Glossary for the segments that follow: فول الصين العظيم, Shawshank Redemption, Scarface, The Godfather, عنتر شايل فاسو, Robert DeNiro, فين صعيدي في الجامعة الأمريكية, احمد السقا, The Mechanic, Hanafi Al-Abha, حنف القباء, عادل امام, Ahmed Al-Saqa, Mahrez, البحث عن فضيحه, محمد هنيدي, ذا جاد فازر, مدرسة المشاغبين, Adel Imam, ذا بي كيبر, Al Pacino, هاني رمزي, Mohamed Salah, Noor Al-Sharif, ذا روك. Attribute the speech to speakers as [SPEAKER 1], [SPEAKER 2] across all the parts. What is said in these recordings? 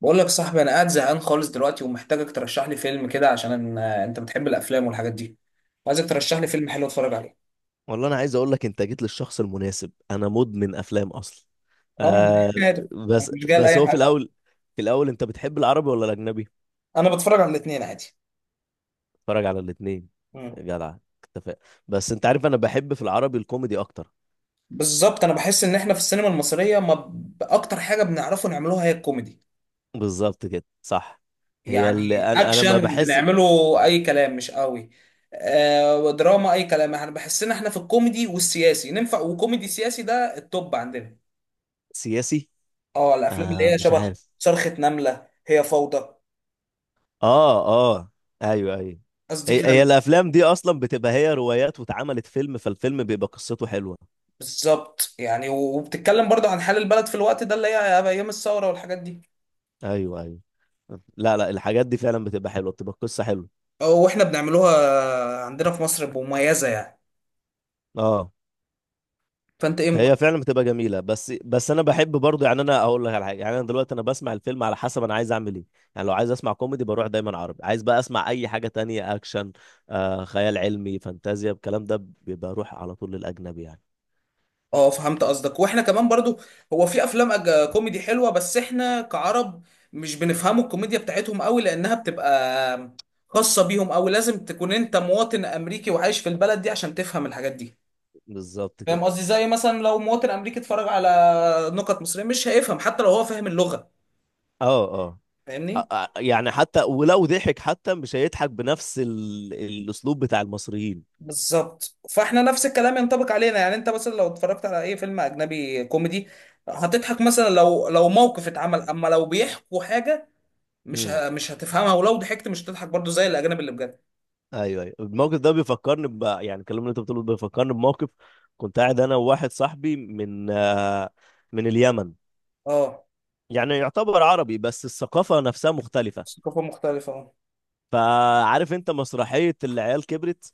[SPEAKER 1] بقول لك يا صاحبي، انا قاعد زهقان خالص دلوقتي ومحتاجك ترشح لي فيلم كده، عشان انت بتحب الافلام والحاجات دي. عايزك ترشح لي فيلم حلو اتفرج عليه.
[SPEAKER 2] والله انا عايز اقول لك انت جيت للشخص المناسب. انا مدمن افلام اصلا.
[SPEAKER 1] اه، ما
[SPEAKER 2] آه
[SPEAKER 1] أنا عارف. أنا
[SPEAKER 2] بس
[SPEAKER 1] مش جاي
[SPEAKER 2] بس
[SPEAKER 1] لاي
[SPEAKER 2] هو في
[SPEAKER 1] حاجه.
[SPEAKER 2] الاول. في الاول انت بتحب العربي ولا الاجنبي؟
[SPEAKER 1] انا بتفرج على الاثنين عادي.
[SPEAKER 2] اتفرج على الاثنين.
[SPEAKER 1] مم.
[SPEAKER 2] جدع، اتفق. بس انت عارف انا بحب في العربي الكوميدي اكتر.
[SPEAKER 1] بالظبط، انا بحس ان احنا في السينما المصريه ما ب- اكتر حاجه بنعرفه نعملوها هي الكوميدي.
[SPEAKER 2] بالظبط كده صح. هي
[SPEAKER 1] يعني
[SPEAKER 2] اللي انا ما
[SPEAKER 1] اكشن
[SPEAKER 2] بحس.
[SPEAKER 1] بنعمله اي كلام، مش قوي. دراما اي كلام، احنا بحس ان احنا في الكوميدي والسياسي ننفع، وكوميدي سياسي ده التوب عندنا.
[SPEAKER 2] سياسي؟
[SPEAKER 1] اه، الافلام اللي هي
[SPEAKER 2] مش
[SPEAKER 1] شبه
[SPEAKER 2] عارف.
[SPEAKER 1] صرخه نمله، هي فوضى.
[SPEAKER 2] اه اه، ايوه ايوه.
[SPEAKER 1] قصدي
[SPEAKER 2] هي
[SPEAKER 1] كده.
[SPEAKER 2] الافلام دي اصلا بتبقى هي روايات واتعملت فيلم، فالفيلم بيبقى قصته حلوه.
[SPEAKER 1] بالظبط، يعني وبتتكلم برضو عن حال البلد في الوقت ده اللي هي ايام الثوره والحاجات دي.
[SPEAKER 2] ايوه ايوه. لا لا، الحاجات دي فعلا بتبقى حلوه، بتبقى قصه حلوه.
[SPEAKER 1] واحنا بنعملوها عندنا في مصر بمميزه يعني.
[SPEAKER 2] اه.
[SPEAKER 1] فانت ايه ممكن؟
[SPEAKER 2] هي فعلا بتبقى جميله. بس انا بحب برضه، يعني انا اقول لك على حاجه. يعني انا دلوقتي بسمع الفيلم على حسب انا عايز اعمل ايه. يعني لو عايز اسمع كوميدي بروح دايما عربي. عايز بقى اسمع اي حاجه تانية، اكشن، خيال علمي، فانتازيا، الكلام ده بيبقى اروح على طول للاجنبي يعني.
[SPEAKER 1] اه، فهمت قصدك. واحنا كمان برضو هو في افلام كوميدي حلوه، بس احنا كعرب مش بنفهموا الكوميديا بتاعتهم قوي، لانها بتبقى خاصه بيهم. او لازم تكون انت مواطن امريكي وعايش في البلد دي عشان تفهم الحاجات دي.
[SPEAKER 2] بالظبط كده.
[SPEAKER 1] فاهم قصدي؟ زي مثلا لو مواطن امريكي اتفرج على نكت مصريه مش هيفهم، حتى لو هو فاهم اللغه.
[SPEAKER 2] اه اه.
[SPEAKER 1] فاهمني؟
[SPEAKER 2] يعني حتى ولو ضحك حتى مش هيضحك بنفس الاسلوب بتاع المصريين.
[SPEAKER 1] بالظبط، فاحنا نفس الكلام ينطبق علينا. يعني انت مثلا لو اتفرجت على اي فيلم اجنبي كوميدي هتضحك مثلا لو موقف اتعمل، اما لو بيحكوا حاجه
[SPEAKER 2] مم.
[SPEAKER 1] مش هتفهمها، ولو ضحكت مش هتضحك برضو زي الاجانب اللي بجد.
[SPEAKER 2] ايوه ايوه، الموقف ده بيفكرني يعني الكلام اللي انت بتقوله ده بيفكرني بموقف. كنت قاعد انا وواحد صاحبي من من اليمن.
[SPEAKER 1] اه،
[SPEAKER 2] يعني يعتبر عربي بس الثقافه نفسها مختلفه.
[SPEAKER 1] ثقافه مختلفه اه.
[SPEAKER 2] فعارف انت مسرحيه العيال كبرت؟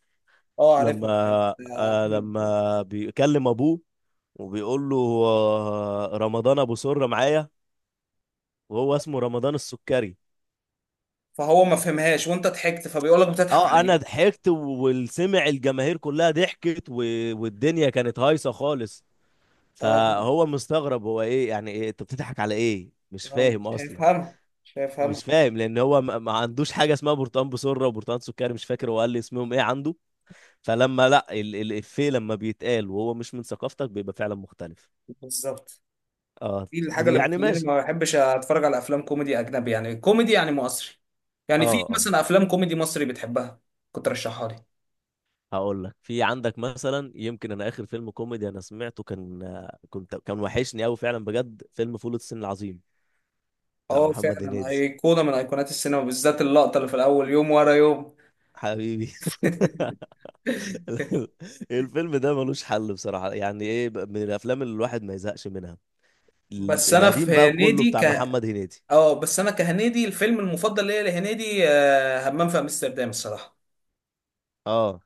[SPEAKER 1] اه
[SPEAKER 2] لما
[SPEAKER 1] عارفها، بتاعت احمد.
[SPEAKER 2] لما بيكلم ابوه وبيقول له رمضان ابو سره معايا، وهو اسمه رمضان السكري.
[SPEAKER 1] فهو ما فهمهاش وانت ضحكت فبيقول لك بتضحك
[SPEAKER 2] اه
[SPEAKER 1] على
[SPEAKER 2] انا
[SPEAKER 1] ايه؟
[SPEAKER 2] ضحكت والسمع الجماهير كلها ضحكت والدنيا كانت هايصه خالص.
[SPEAKER 1] اه.
[SPEAKER 2] فهو مستغرب، هو ايه؟ يعني ايه انت بتضحك على ايه؟ مش
[SPEAKER 1] مش
[SPEAKER 2] فاهم اصلا.
[SPEAKER 1] هيفهمها. مش هيفهمها.
[SPEAKER 2] مش فاهم لان هو ما عندوش حاجه اسمها برتقان بسره وبرتقان سكري. مش فاكر هو قال لي اسمهم ايه عنده. فلما لا الافيه لما بيتقال وهو مش من ثقافتك بيبقى فعلا مختلف.
[SPEAKER 1] بالظبط،
[SPEAKER 2] اه.
[SPEAKER 1] دي الحاجه اللي
[SPEAKER 2] يعني
[SPEAKER 1] بتخليني
[SPEAKER 2] ماشي.
[SPEAKER 1] ما بحبش اتفرج على افلام كوميدي اجنبي. يعني كوميدي يعني مصري.
[SPEAKER 2] اه
[SPEAKER 1] يعني في
[SPEAKER 2] اه.
[SPEAKER 1] مثلا افلام كوميدي مصري بتحبها كنت رشحها لي.
[SPEAKER 2] هقول لك. في عندك مثلا، يمكن انا اخر فيلم كوميدي انا سمعته كان. كان وحشني قوي فعلا بجد، فيلم فول الصين العظيم بتاع
[SPEAKER 1] اه
[SPEAKER 2] محمد
[SPEAKER 1] فعلا،
[SPEAKER 2] هنيدي.
[SPEAKER 1] ايقونه من ايقونات السينما، بالذات اللقطه اللي في الاول يوم ورا يوم.
[SPEAKER 2] حبيبي. الفيلم ده ملوش حل بصراحة. يعني ايه، من الافلام اللي الواحد ما يزهقش منها.
[SPEAKER 1] بس انا في
[SPEAKER 2] القديم بقى كله
[SPEAKER 1] هنيدي
[SPEAKER 2] بتاع محمد هنيدي.
[SPEAKER 1] اه. بس انا كهنيدي الفيلم المفضل ليا لهنيدي همام في امستردام الصراحه.
[SPEAKER 2] اه،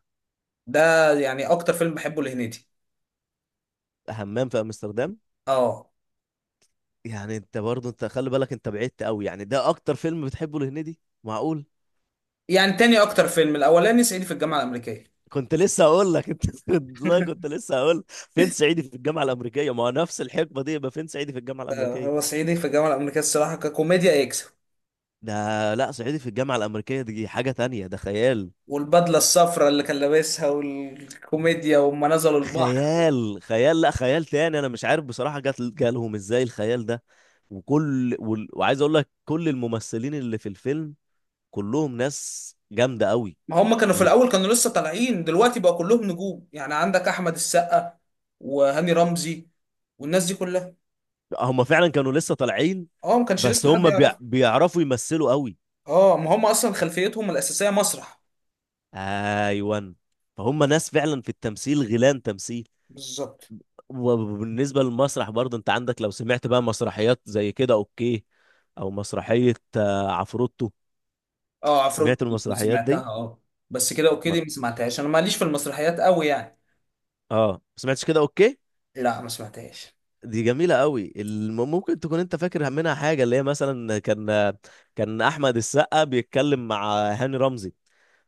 [SPEAKER 1] ده يعني اكتر فيلم بحبه لهنيدي.
[SPEAKER 2] همام في امستردام.
[SPEAKER 1] اه،
[SPEAKER 2] يعني انت برضه انت خلي بالك، انت بعدت قوي. يعني ده اكتر فيلم بتحبه لهنيدي؟ معقول؟
[SPEAKER 1] يعني تاني اكتر فيلم الاولاني صعيدي في الجامعه الامريكيه.
[SPEAKER 2] كنت لسه هقول لك انت. والله كنت لسه هقول فين صعيدي في الجامعة الأمريكية؟ ما هو نفس الحقبة دي، يبقى فين صعيدي في الجامعة
[SPEAKER 1] هو
[SPEAKER 2] الأمريكية؟
[SPEAKER 1] صعيدي في الجامعه الامريكيه الصراحه ككوميديا يكسب.
[SPEAKER 2] ده لا، صعيدي في الجامعة الأمريكية دي حاجة تانية، ده خيال.
[SPEAKER 1] والبدله الصفراء اللي كان لابسها والكوميديا وهم نزلوا البحر.
[SPEAKER 2] خيال لا، خيال تاني. انا مش عارف بصراحه جات جالهم ازاي الخيال ده. وعايز اقول لك كل الممثلين اللي في الفيلم كلهم ناس جامده قوي.
[SPEAKER 1] ما هم كانوا في
[SPEAKER 2] و-
[SPEAKER 1] الاول كانوا لسه طالعين، دلوقتي بقى كلهم نجوم. يعني عندك احمد السقا وهاني رمزي والناس دي كلها.
[SPEAKER 2] هم فعلا كانوا لسه طالعين.
[SPEAKER 1] اه، ما كانش
[SPEAKER 2] بس
[SPEAKER 1] لسه حد
[SPEAKER 2] هم
[SPEAKER 1] يعرف.
[SPEAKER 2] بيعرفوا يمثلوا قوي.
[SPEAKER 1] اه، ما هم اصلا خلفيتهم الاساسيه مسرح.
[SPEAKER 2] ايوه. فهم ناس فعلا في التمثيل غيلان تمثيل.
[SPEAKER 1] بالظبط.
[SPEAKER 2] وبالنسبه للمسرح برضه انت عندك، لو سمعت بقى مسرحيات زي كده اوكي، او مسرحيه عفروتو.
[SPEAKER 1] اه عفروت،
[SPEAKER 2] سمعت المسرحيات
[SPEAKER 1] سمعتها
[SPEAKER 2] دي؟
[SPEAKER 1] اه. بس كده اوكي دي ما سمعتهاش، انا ماليش في المسرحيات قوي يعني.
[SPEAKER 2] اه ما سمعتش كده اوكي.
[SPEAKER 1] لا، ما سمعتهاش.
[SPEAKER 2] دي جميله قوي. ممكن تكون انت فاكر منها حاجه، اللي هي مثلا كان. كان احمد السقا بيتكلم مع هاني رمزي،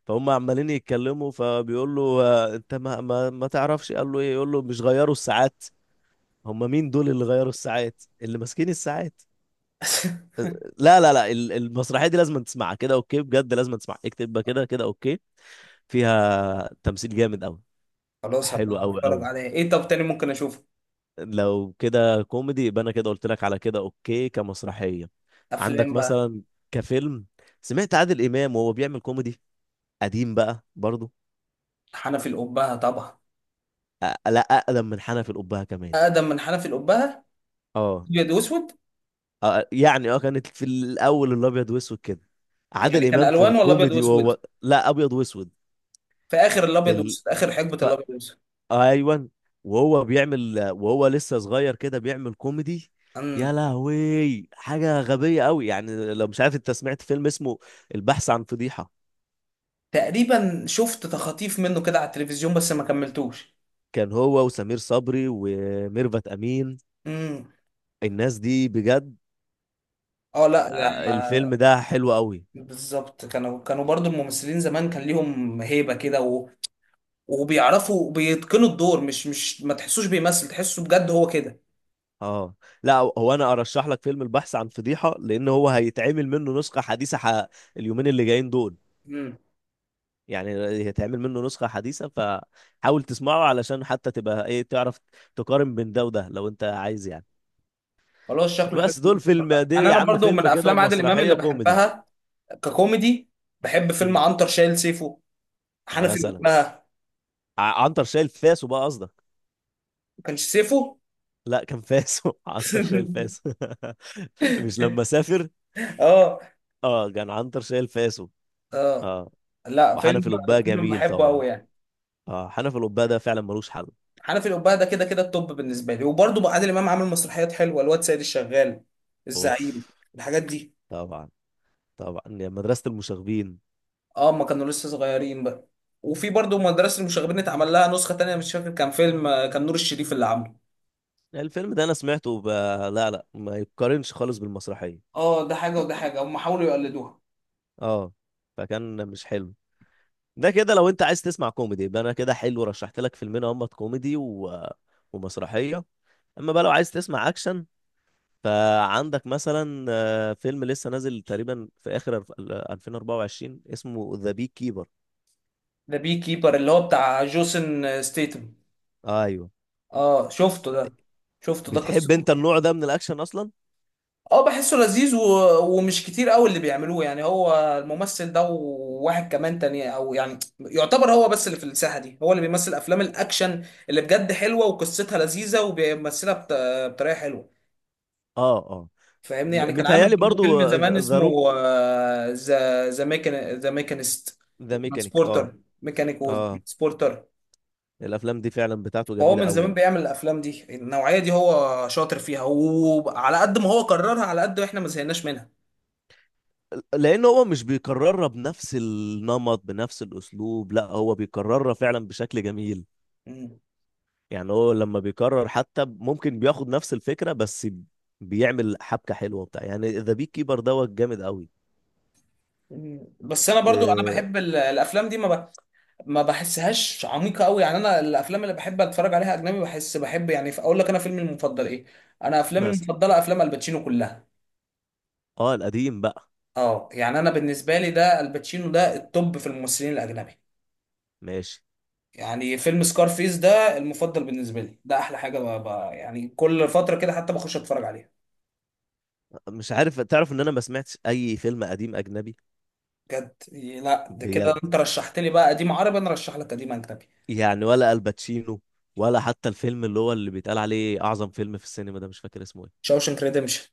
[SPEAKER 2] فهم عمالين يتكلموا، فبيقول له انت ما تعرفش؟ قال له ايه؟ يقول له مش غيروا الساعات؟ هم مين دول اللي غيروا الساعات، اللي ماسكين الساعات؟ لا لا لا ال- المسرحيه دي لازم تسمعها، كده اوكي، بجد لازم تسمعها. اكتب بقى كده، كده اوكي. فيها تمثيل جامد قوي.
[SPEAKER 1] خلاص، هبقى
[SPEAKER 2] حلو قوي
[SPEAKER 1] اتفرج
[SPEAKER 2] قوي.
[SPEAKER 1] عليها. ايه طب تاني ممكن اشوفه؟
[SPEAKER 2] لو كده كوميدي، يبقى انا كده قلت لك على كده اوكي كمسرحيه. عندك
[SPEAKER 1] افلام بقى.
[SPEAKER 2] مثلا كفيلم. سمعت عادل امام وهو بيعمل كوميدي قديم بقى برضه؟
[SPEAKER 1] حنفي الأبهة طبعا.
[SPEAKER 2] لا، اقدم من حنف القبهه كمان.
[SPEAKER 1] اقدم من حنفي القبه.
[SPEAKER 2] اه.
[SPEAKER 1] ابيض واسود؟
[SPEAKER 2] يعني اه كانت في الاول الابيض واسود كده. عادل
[SPEAKER 1] يعني كان
[SPEAKER 2] امام في
[SPEAKER 1] الوان ولا ابيض
[SPEAKER 2] الكوميدي
[SPEAKER 1] واسود؟
[SPEAKER 2] وهو لا، ابيض واسود.
[SPEAKER 1] في اخر
[SPEAKER 2] في
[SPEAKER 1] الابيض
[SPEAKER 2] ال...
[SPEAKER 1] واسود، اخر حقبه
[SPEAKER 2] ف...
[SPEAKER 1] الابيض واسود.
[SPEAKER 2] ايوه. وهو بيعمل وهو لسه صغير كده بيعمل كوميدي.
[SPEAKER 1] امم.
[SPEAKER 2] يا لهوي حاجه غبيه قوي. يعني لو مش عارف، انت سمعت فيلم اسمه البحث عن فضيحه؟
[SPEAKER 1] تقريبا شفت تخاطيف منه كده على التلفزيون، بس ما كملتوش.
[SPEAKER 2] كان هو وسمير صبري وميرفت امين.
[SPEAKER 1] امم.
[SPEAKER 2] الناس دي بجد.
[SPEAKER 1] اه، لا
[SPEAKER 2] الفيلم
[SPEAKER 1] لا.
[SPEAKER 2] ده حلو قوي.
[SPEAKER 1] بالظبط، كانوا برضو الممثلين زمان كان ليهم هيبه كده وبيعرفوا بيتقنوا الدور. مش ما تحسوش بيمثل، تحسه بجد هو كده.
[SPEAKER 2] اه. لا هو انا ارشح لك فيلم البحث عن فضيحه لان هو هيتعمل منه نسخه حديثه اليومين اللي جايين دول.
[SPEAKER 1] امم.
[SPEAKER 2] يعني هيتعمل منه نسخة حديثة، فحاول تسمعه علشان حتى تبقى ايه، تعرف تقارن بين ده وده لو انت عايز يعني.
[SPEAKER 1] خلاص، شكله حلو.
[SPEAKER 2] بس دول فيلم، دي
[SPEAKER 1] يعني
[SPEAKER 2] يا
[SPEAKER 1] انا
[SPEAKER 2] عم
[SPEAKER 1] برضو من
[SPEAKER 2] فيلم كده
[SPEAKER 1] افلام عادل امام اللي
[SPEAKER 2] ومسرحية كوميدي.
[SPEAKER 1] بحبها ككوميدي، بحب فيلم
[SPEAKER 2] امم.
[SPEAKER 1] عنتر شايل سيفه، حنفي
[SPEAKER 2] مثلا
[SPEAKER 1] الأبهة.
[SPEAKER 2] عنتر شايل فاسو بقى قصدك.
[SPEAKER 1] كانش سيفو.
[SPEAKER 2] لا كان فاسو. عنتر شايل فاسو. مش لما سافر.
[SPEAKER 1] اه
[SPEAKER 2] اه كان عنتر شايل فاسو.
[SPEAKER 1] اه.
[SPEAKER 2] اه.
[SPEAKER 1] لا، فيلم
[SPEAKER 2] وحنف القباء
[SPEAKER 1] فيلم
[SPEAKER 2] جميل
[SPEAKER 1] بحبه
[SPEAKER 2] طبعا.
[SPEAKER 1] قوي يعني.
[SPEAKER 2] اه حنف القباء ده فعلا ملوش حل.
[SPEAKER 1] حنفي الأبهة ده كده كده التوب بالنسبه لي. وبرضه بقى عادل امام عامل مسرحيات حلوه: الواد سيد الشغال،
[SPEAKER 2] اوف.
[SPEAKER 1] الزعيم، الحاجات دي.
[SPEAKER 2] طبعا. طبعا، يا مدرسة المشاغبين.
[SPEAKER 1] اه، ما كانوا لسه صغيرين بقى. وفي برضه مدرسه المشاغبين اتعمل لها نسخه تانية، مش فاكر كان فيلم كان نور الشريف اللي عامله.
[SPEAKER 2] الفيلم ده انا سمعته لا لا، ما يتقارنش خالص بالمسرحيه.
[SPEAKER 1] اه، ده حاجه وده حاجه، هم حاولوا يقلدوها.
[SPEAKER 2] اه. فكان مش حلو. ده كده لو انت عايز تسمع كوميدي، يبقى انا كده حلو رشحت لك فيلمين، هما كوميدي ومسرحيه. اما بقى لو عايز تسمع اكشن، فعندك مثلا فيلم لسه نازل تقريبا في اخر 2024 اسمه ذا بي كيبر.
[SPEAKER 1] ده بي كيبر اللي هو بتاع جوسن ستيتم.
[SPEAKER 2] ايوه.
[SPEAKER 1] اه شفته ده. شفته ده قصته.
[SPEAKER 2] بتحب انت النوع ده من الاكشن اصلا؟
[SPEAKER 1] اه، بحسه لذيذ ومش كتير قوي اللي بيعملوه يعني. هو الممثل ده وواحد كمان تاني، او يعني يعتبر هو بس اللي في الساحة دي هو اللي بيمثل افلام الاكشن اللي بجد حلوة وقصتها لذيذة وبيمثلها بطريقة حلوة.
[SPEAKER 2] اه اه.
[SPEAKER 1] فاهمني؟ يعني كان عامل
[SPEAKER 2] متهيألي
[SPEAKER 1] برضه فيلم
[SPEAKER 2] برضو
[SPEAKER 1] زمان
[SPEAKER 2] ذا
[SPEAKER 1] اسمه
[SPEAKER 2] روك،
[SPEAKER 1] ذا ميكانيست،
[SPEAKER 2] ذا ميكانيك. اه.
[SPEAKER 1] وترانسبورتر. ميكانيك
[SPEAKER 2] اه
[SPEAKER 1] وترانسبورتر.
[SPEAKER 2] الافلام دي فعلا بتاعته
[SPEAKER 1] فهو
[SPEAKER 2] جميله
[SPEAKER 1] من زمان
[SPEAKER 2] قوي.
[SPEAKER 1] بيعمل الافلام دي النوعية دي، هو شاطر فيها، وعلى قد ما هو كررها على قد ما احنا ما زهقناش
[SPEAKER 2] لان هو مش بيكررها بنفس النمط بنفس الاسلوب، لا هو بيكررها فعلا بشكل جميل.
[SPEAKER 1] منها.
[SPEAKER 2] يعني هو لما بيكرر حتى ممكن بياخد نفس الفكره، بس بيعمل حبكه حلوه بتاع يعني. ذا بيك كيبر دوت جامد قوي.
[SPEAKER 1] مم. بس انا برضو انا
[SPEAKER 2] إيه؟
[SPEAKER 1] بحب الافلام دي، ما بحسهاش عميقه قوي. يعني انا الافلام اللي بحب اتفرج عليها اجنبي، بحب يعني، اقول لك انا فيلمي المفضل ايه. انا افلامي
[SPEAKER 2] مثلا.
[SPEAKER 1] المفضله افلام الباتشينو كلها.
[SPEAKER 2] اه القديم بقى.
[SPEAKER 1] اه، يعني انا بالنسبه لي ده الباتشينو ده التوب في الممثلين الاجنبي.
[SPEAKER 2] ماشي.
[SPEAKER 1] يعني فيلم سكارفيس ده المفضل بالنسبه لي، ده احلى حاجه يعني كل فتره كده حتى بخش اتفرج عليها.
[SPEAKER 2] مش عارف، تعرف ان انا ما سمعتش اي فيلم قديم اجنبي؟
[SPEAKER 1] بجد؟ لا، ده كده
[SPEAKER 2] بجد.
[SPEAKER 1] انت رشحت لي بقى قديم عربي، انا رشح لك قديم اجنبي.
[SPEAKER 2] يعني ولا الباتشينو، ولا حتى الفيلم اللي هو اللي بيتقال عليه اعظم فيلم في السينما، ده مش فاكر اسمه ايه.
[SPEAKER 1] شاوشنك ريديمشن.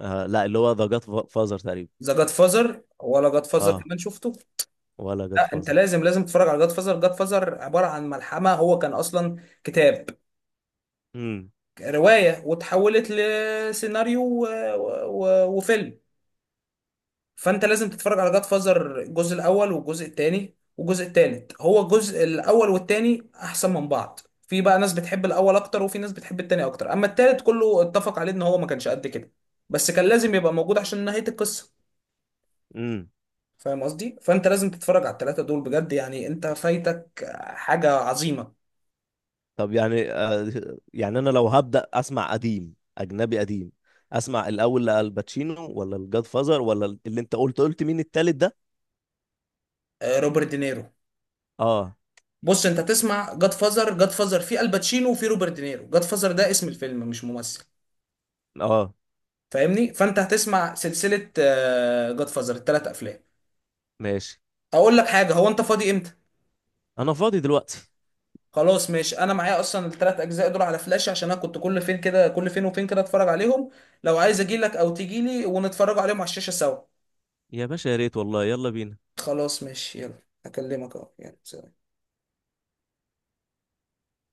[SPEAKER 2] آه لا، اللي هو ذا جاد فازر تقريبا.
[SPEAKER 1] ذا جاد فازر ولا جاد فازر
[SPEAKER 2] اه.
[SPEAKER 1] كمان شفته.
[SPEAKER 2] ولا جاد
[SPEAKER 1] لا، انت
[SPEAKER 2] فازر.
[SPEAKER 1] لازم تتفرج على جاد فازر. جاد فازر عباره عن ملحمه، هو كان اصلا كتاب،
[SPEAKER 2] امم.
[SPEAKER 1] روايه، وتحولت لسيناريو وفيلم. فانت لازم تتفرج على جاد فازر الجزء الاول والجزء الثاني والجزء الثالث. هو الجزء الاول والثاني احسن من بعض، في بقى ناس بتحب الاول اكتر، وفي ناس بتحب الثاني اكتر. اما الثالث كله اتفق عليه ان هو ما كانش قد كده، بس كان لازم يبقى موجود عشان نهايه القصه.
[SPEAKER 2] امم.
[SPEAKER 1] فاهم قصدي؟ فانت لازم تتفرج على الثلاثه دول بجد، يعني انت فايتك حاجه عظيمه.
[SPEAKER 2] طب يعني يعني انا لو هبدأ اسمع قديم اجنبي قديم، اسمع الاول لالباتشينو ولا الجاد فازر، ولا اللي انت قلت مين التالت ده.
[SPEAKER 1] روبرت دينيرو.
[SPEAKER 2] اه.
[SPEAKER 1] بص، انت تسمع جاد فازر. جاد فازر في الباتشينو وفي روبرت دينيرو. جاد فازر ده اسم الفيلم مش ممثل.
[SPEAKER 2] اه
[SPEAKER 1] فاهمني؟ فانت هتسمع سلسله جاد فازر الثلاث افلام.
[SPEAKER 2] ماشي.
[SPEAKER 1] اقول لك حاجه: هو انت فاضي امتى؟
[SPEAKER 2] انا فاضي دلوقتي.
[SPEAKER 1] خلاص، ماشي. انا معايا اصلا الثلاث اجزاء دول على فلاش، عشان انا كنت كل فين كده كل فين وفين كده اتفرج عليهم. لو عايز اجي لك او تجي لي ونتفرج عليهم على الشاشه سوا.
[SPEAKER 2] يا باشا يا ريت والله، يلا بينا.
[SPEAKER 1] خلاص ماشي، يلا هكلمك اهو، يلا سلام.